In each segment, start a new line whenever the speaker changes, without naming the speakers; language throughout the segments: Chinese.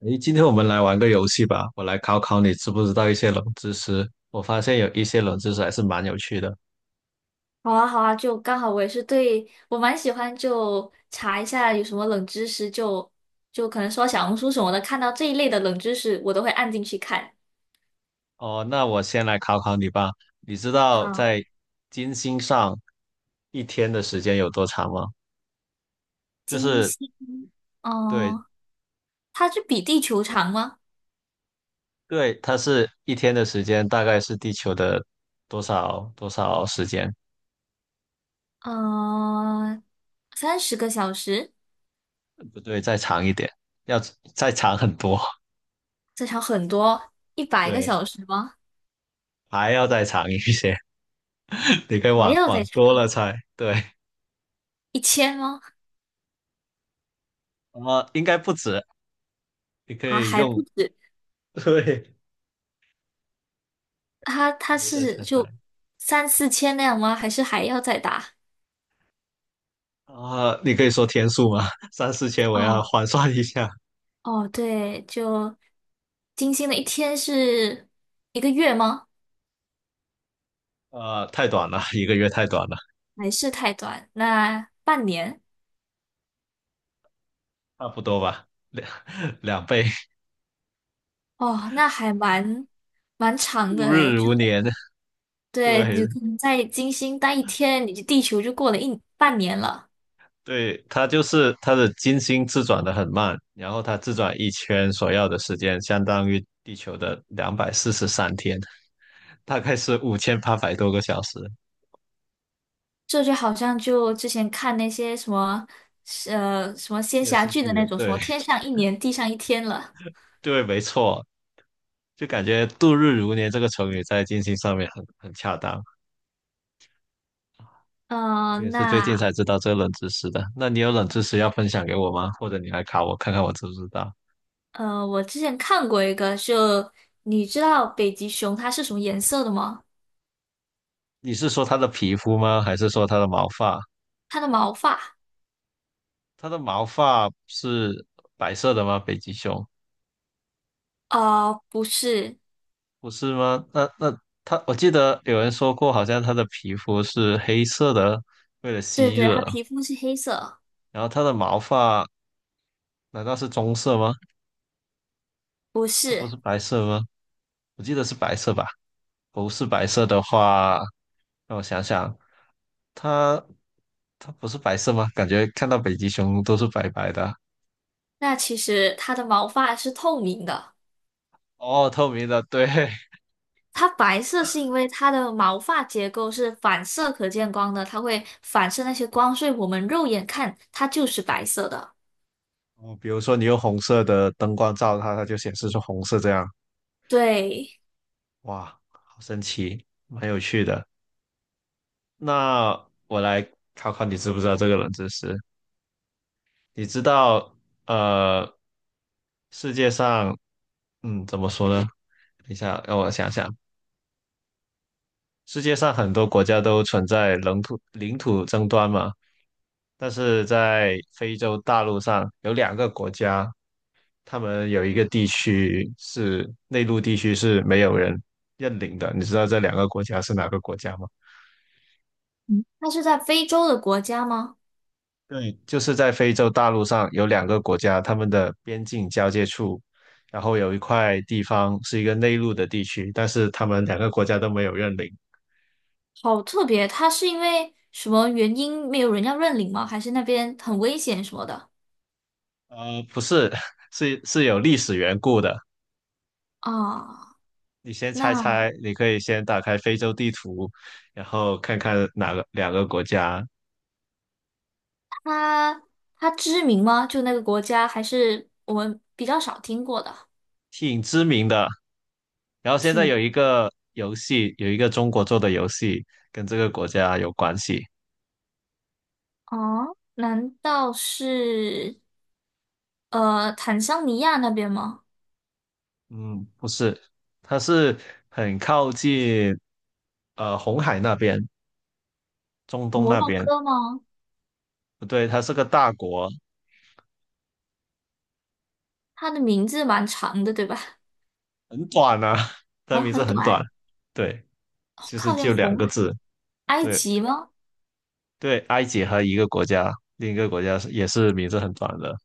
诶，今天我们来玩个游戏吧，我来考考你知不知道一些冷知识。我发现有一些冷知识还是蛮有趣的。
好啊，好啊，就刚好我也是对我蛮喜欢，就查一下有什么冷知识就可能说小红书什么的，看到这一类的冷知识，我都会按进去看。
哦，那我先来考考你吧。你知道
好，
在金星上一天的时间有多长吗？就
金
是
星，
对
嗯、它是比地球长吗？
对，它是一天的时间，大概是地球的多少多少时间？
嗯、30个小时，
不对，再长一点，要再长很多。
再长很多，一百个
对，
小时吗？
还要再长一些。你可以
还
往
要
往
再
多
长
了猜。对，
1000吗？
应该不止。你可
啊，
以
还不
用，
止，
对，
它
我
它
会再
是
猜
就
猜。
三四千那样吗？还是还要再大？
啊、你可以说天数吗？三四千，我要
哦，
换算一下。
哦，对，就金星的一天是一个月吗？
啊、太短了，一个月太短了，
还是太短？那半年？
差不多吧，两 两倍，
哦，那还蛮长
度
的诶，
日
就
如年。
对，
对
你可能在金星待一天，你就地球就过了一半年了。
对，它就是它的金星自转的很慢，然后它自转一圈所要的时间相当于地球的243天，大概是5,800多个小时。
这就好像就之前看那些什么仙
电
侠
视
剧的那
剧，
种，什
对
么天上一年，地上一天了。
对，没错，就感觉度日如年这个成语在金星上面很恰当。我也是最近
那
才知道这个冷知识的。那你有冷知识要分享给我吗？或者你来考我看看我知不知道？
我之前看过一个，就你知道北极熊它是什么颜色的吗？
你是说它的皮肤吗？还是说它的毛发？
它的毛发，
它的毛发是白色的吗？北极熊
啊，不是，
不是吗？那它，我记得有人说过，好像它的皮肤是黑色的，为了
对
吸
对，它
热。
皮肤是黑色，
然后它的毛发难道是棕色吗？
不
它不
是。
是白色吗？我记得是白色吧？不是白色的话，让我想想，它它不是白色吗？感觉看到北极熊都是白白的啊。
那其实它的毛发是透明的，
哦，透明的，对。
它白色是因为它的毛发结构是反射可见光的，它会反射那些光，所以我们肉眼看它就是白色的。
哦，比如说你用红色的灯光照它，它就显示出红色这样。
对，
哇，好神奇，蛮有趣的。那我来考考你，知不知道这个冷知识？你知道，呃，世界上，怎么说呢？等一下，让我想想。世界上很多国家都存在领土领土争端嘛，但是在非洲大陆上有两个国家，他们有一个地区是内陆地区是没有人认领的。你知道这两个国家是哪个国家吗？
嗯，它是在非洲的国家吗？
对，就是在非洲大陆上有两个国家，他们的边境交界处，然后有一块地方是一个内陆的地区，但是他们两个国家都没有认领。
好特别，它是因为什么原因没有人要认领吗？还是那边很危险什么的？
不是，是有历史缘故的。
啊，
你先猜
那。
猜，你可以先打开非洲地图，然后看看哪个两个国家
它它知名吗？就那个国家，还是我们比较少听过的？
挺知名的。然后现在
挺
有一个游戏，有一个中国做的游戏跟这个国家有关系。
哦，难道是坦桑尼亚那边吗？
嗯，不是，它是很靠近红海那边，中东
摩
那
洛
边。
哥吗？
不对，它是个大国，
它的名字蛮长的，对吧？
很短啊，它
啊，
名字
很
很短。
短，
对，
哦
其实
靠近
就两
红
个
海
字。
埃
对
及吗？
对，埃及和一个国家，另一个国家是也是名字很短的。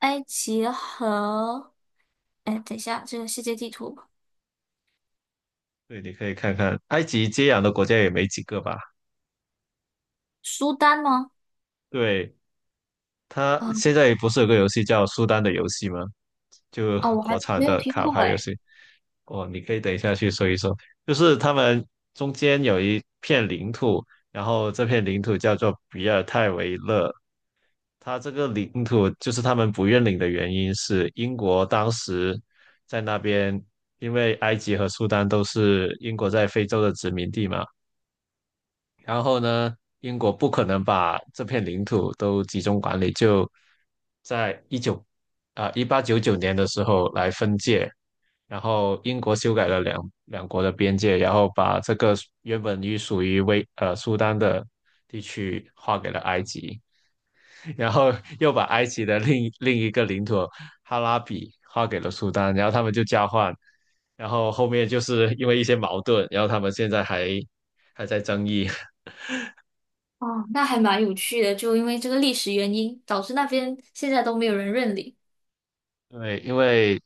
埃及和哎，等一下，这个世界地图，
对，你可以看看，埃及接壤的国家也没几个吧？
苏丹吗？
对，它
啊、
现在不是有个游戏叫《苏丹的游戏》吗？就
哦，我
国
还
产
没有
的
听
卡
过
牌游
哎。
戏。哦，你可以等一下去搜一搜，就是他们中间有一片领土，然后这片领土叫做比尔泰维勒。它这个领土就是他们不认领的原因是英国当时在那边，因为埃及和苏丹都是英国在非洲的殖民地嘛，然后呢，英国不可能把这片领土都集中管理，就在1899年的时候来分界，然后英国修改了两国的边界，然后把这个原本属于苏丹的地区划给了埃及，然后又把埃及的另一个领土哈拉比划给了苏丹，然后他们就交换，然后后面就是因为一些矛盾，然后他们现在还在争议。
哦，那还蛮有趣的，就因为这个历史原因，导致那边现在都没有人认领。
对，因为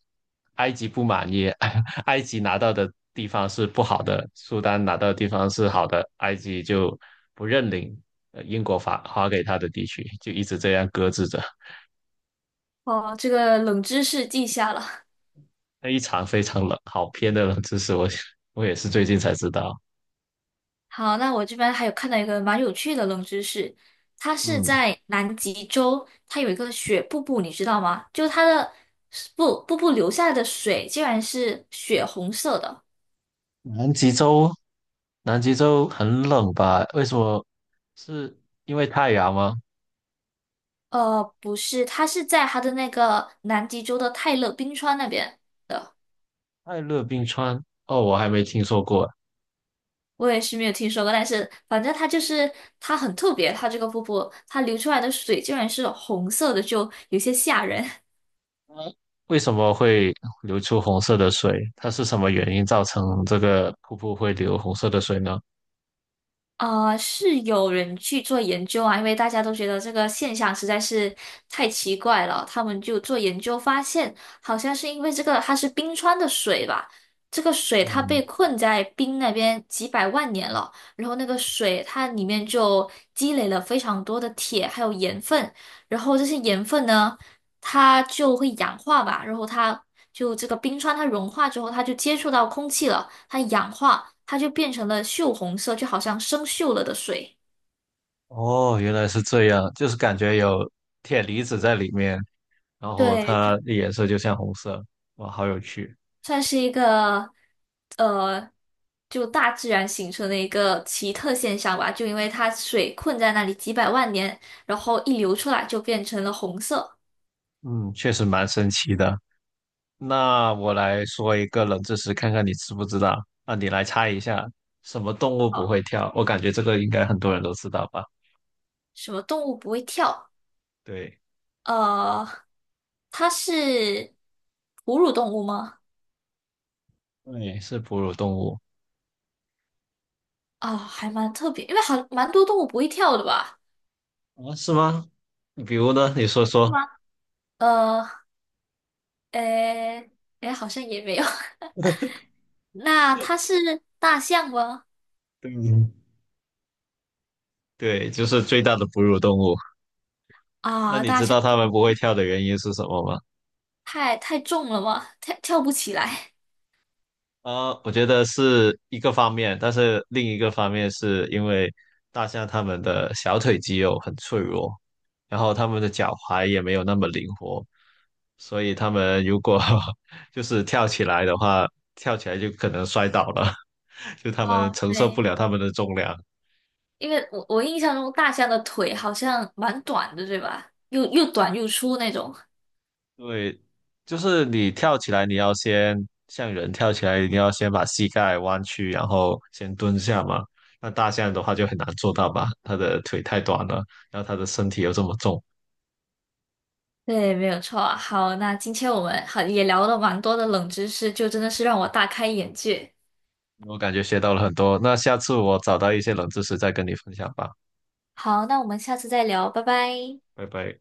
埃及不满意，埃及拿到的地方是不好的，苏丹拿到的地方是好的，埃及就不认领英国发给他的地区，就一直这样搁置着。
哦，这个冷知识记下了。
那一场非常冷，好偏的冷知识，我也是最近才知道。
好，那我这边还有看到一个蛮有趣的冷知识，它是
嗯，
在南极洲，它有一个雪瀑布，你知道吗？就它的瀑布流下来的水竟然是血红色的。
南极洲，南极洲很冷吧？为什么？是因为太阳吗？
不是，它是在它的那个南极洲的泰勒冰川那边的。
泰勒冰川？哦，我还没听说过。
我也是没有听说过，但是反正它就是它很特别，它这个瀑布它流出来的水竟然是红色的，就有些吓人。
为什么会流出红色的水？它是什么原因造成这个瀑布会流红色的水呢？
啊，是有人去做研究啊，因为大家都觉得这个现象实在是太奇怪了，他们就做研究发现，好像是因为这个它是冰川的水吧，这个水它被
嗯，
困在冰那边几百万年了，然后那个水它里面就积累了非常多的铁还有盐分，然后这些盐分呢。它就会氧化吧，然后它就这个冰川它融化之后，它就接触到空气了，它氧化，它就变成了锈红色，就好像生锈了的水。
哦，原来是这样，就是感觉有铁离子在里面，然后
对，就
它的颜色就像红色。哇，好有趣。
算是一个呃，就大自然形成的一个奇特现象吧，就因为它水困在那里几百万年，然后一流出来就变成了红色。
嗯，确实蛮神奇的。那我来说一个冷知识，看看你知不知道。啊，你来猜一下，什么动物不会跳？我感觉这个应该很多人都知道吧？
什么动物不会跳？
对，
呃，它是哺乳动物吗？
对，是哺乳动物。
哦，还蛮特别，因为蛮多动物不会跳的吧？
啊，是吗？比如呢？你说
是
说。
吗？呃，诶，诶，好像也没有。那它是大象吗？
对，对，就是最大的哺乳动物。那
啊，
你
大
知
象
道它
不
们
能
不会跳的原因是什么吗？
太重了吗？跳不起来。
啊，我觉得是一个方面，但是另一个方面是因为大象它们的小腿肌肉很脆弱，然后它们的脚踝也没有那么灵活，所以它们如果 就是跳起来的话，跳起来就可能摔倒了，就它们
哦，
承受不
对，
了它们的重量。
因为我印象中大象的腿好像蛮短的，对吧？又短又粗那种。
对，就是你跳起来，你要先像人跳起来，你要先把膝盖弯曲，然后先蹲下嘛。那大象的话就很难做到吧，它的腿太短了，然后它的身体又这么重，
对，没有错啊。好，那今天我们也聊了蛮多的冷知识，就真的是让我大开眼界。
我感觉学到了很多。那下次我找到一些冷知识再跟你分享吧，
好，那我们下次再聊，拜拜。
拜拜。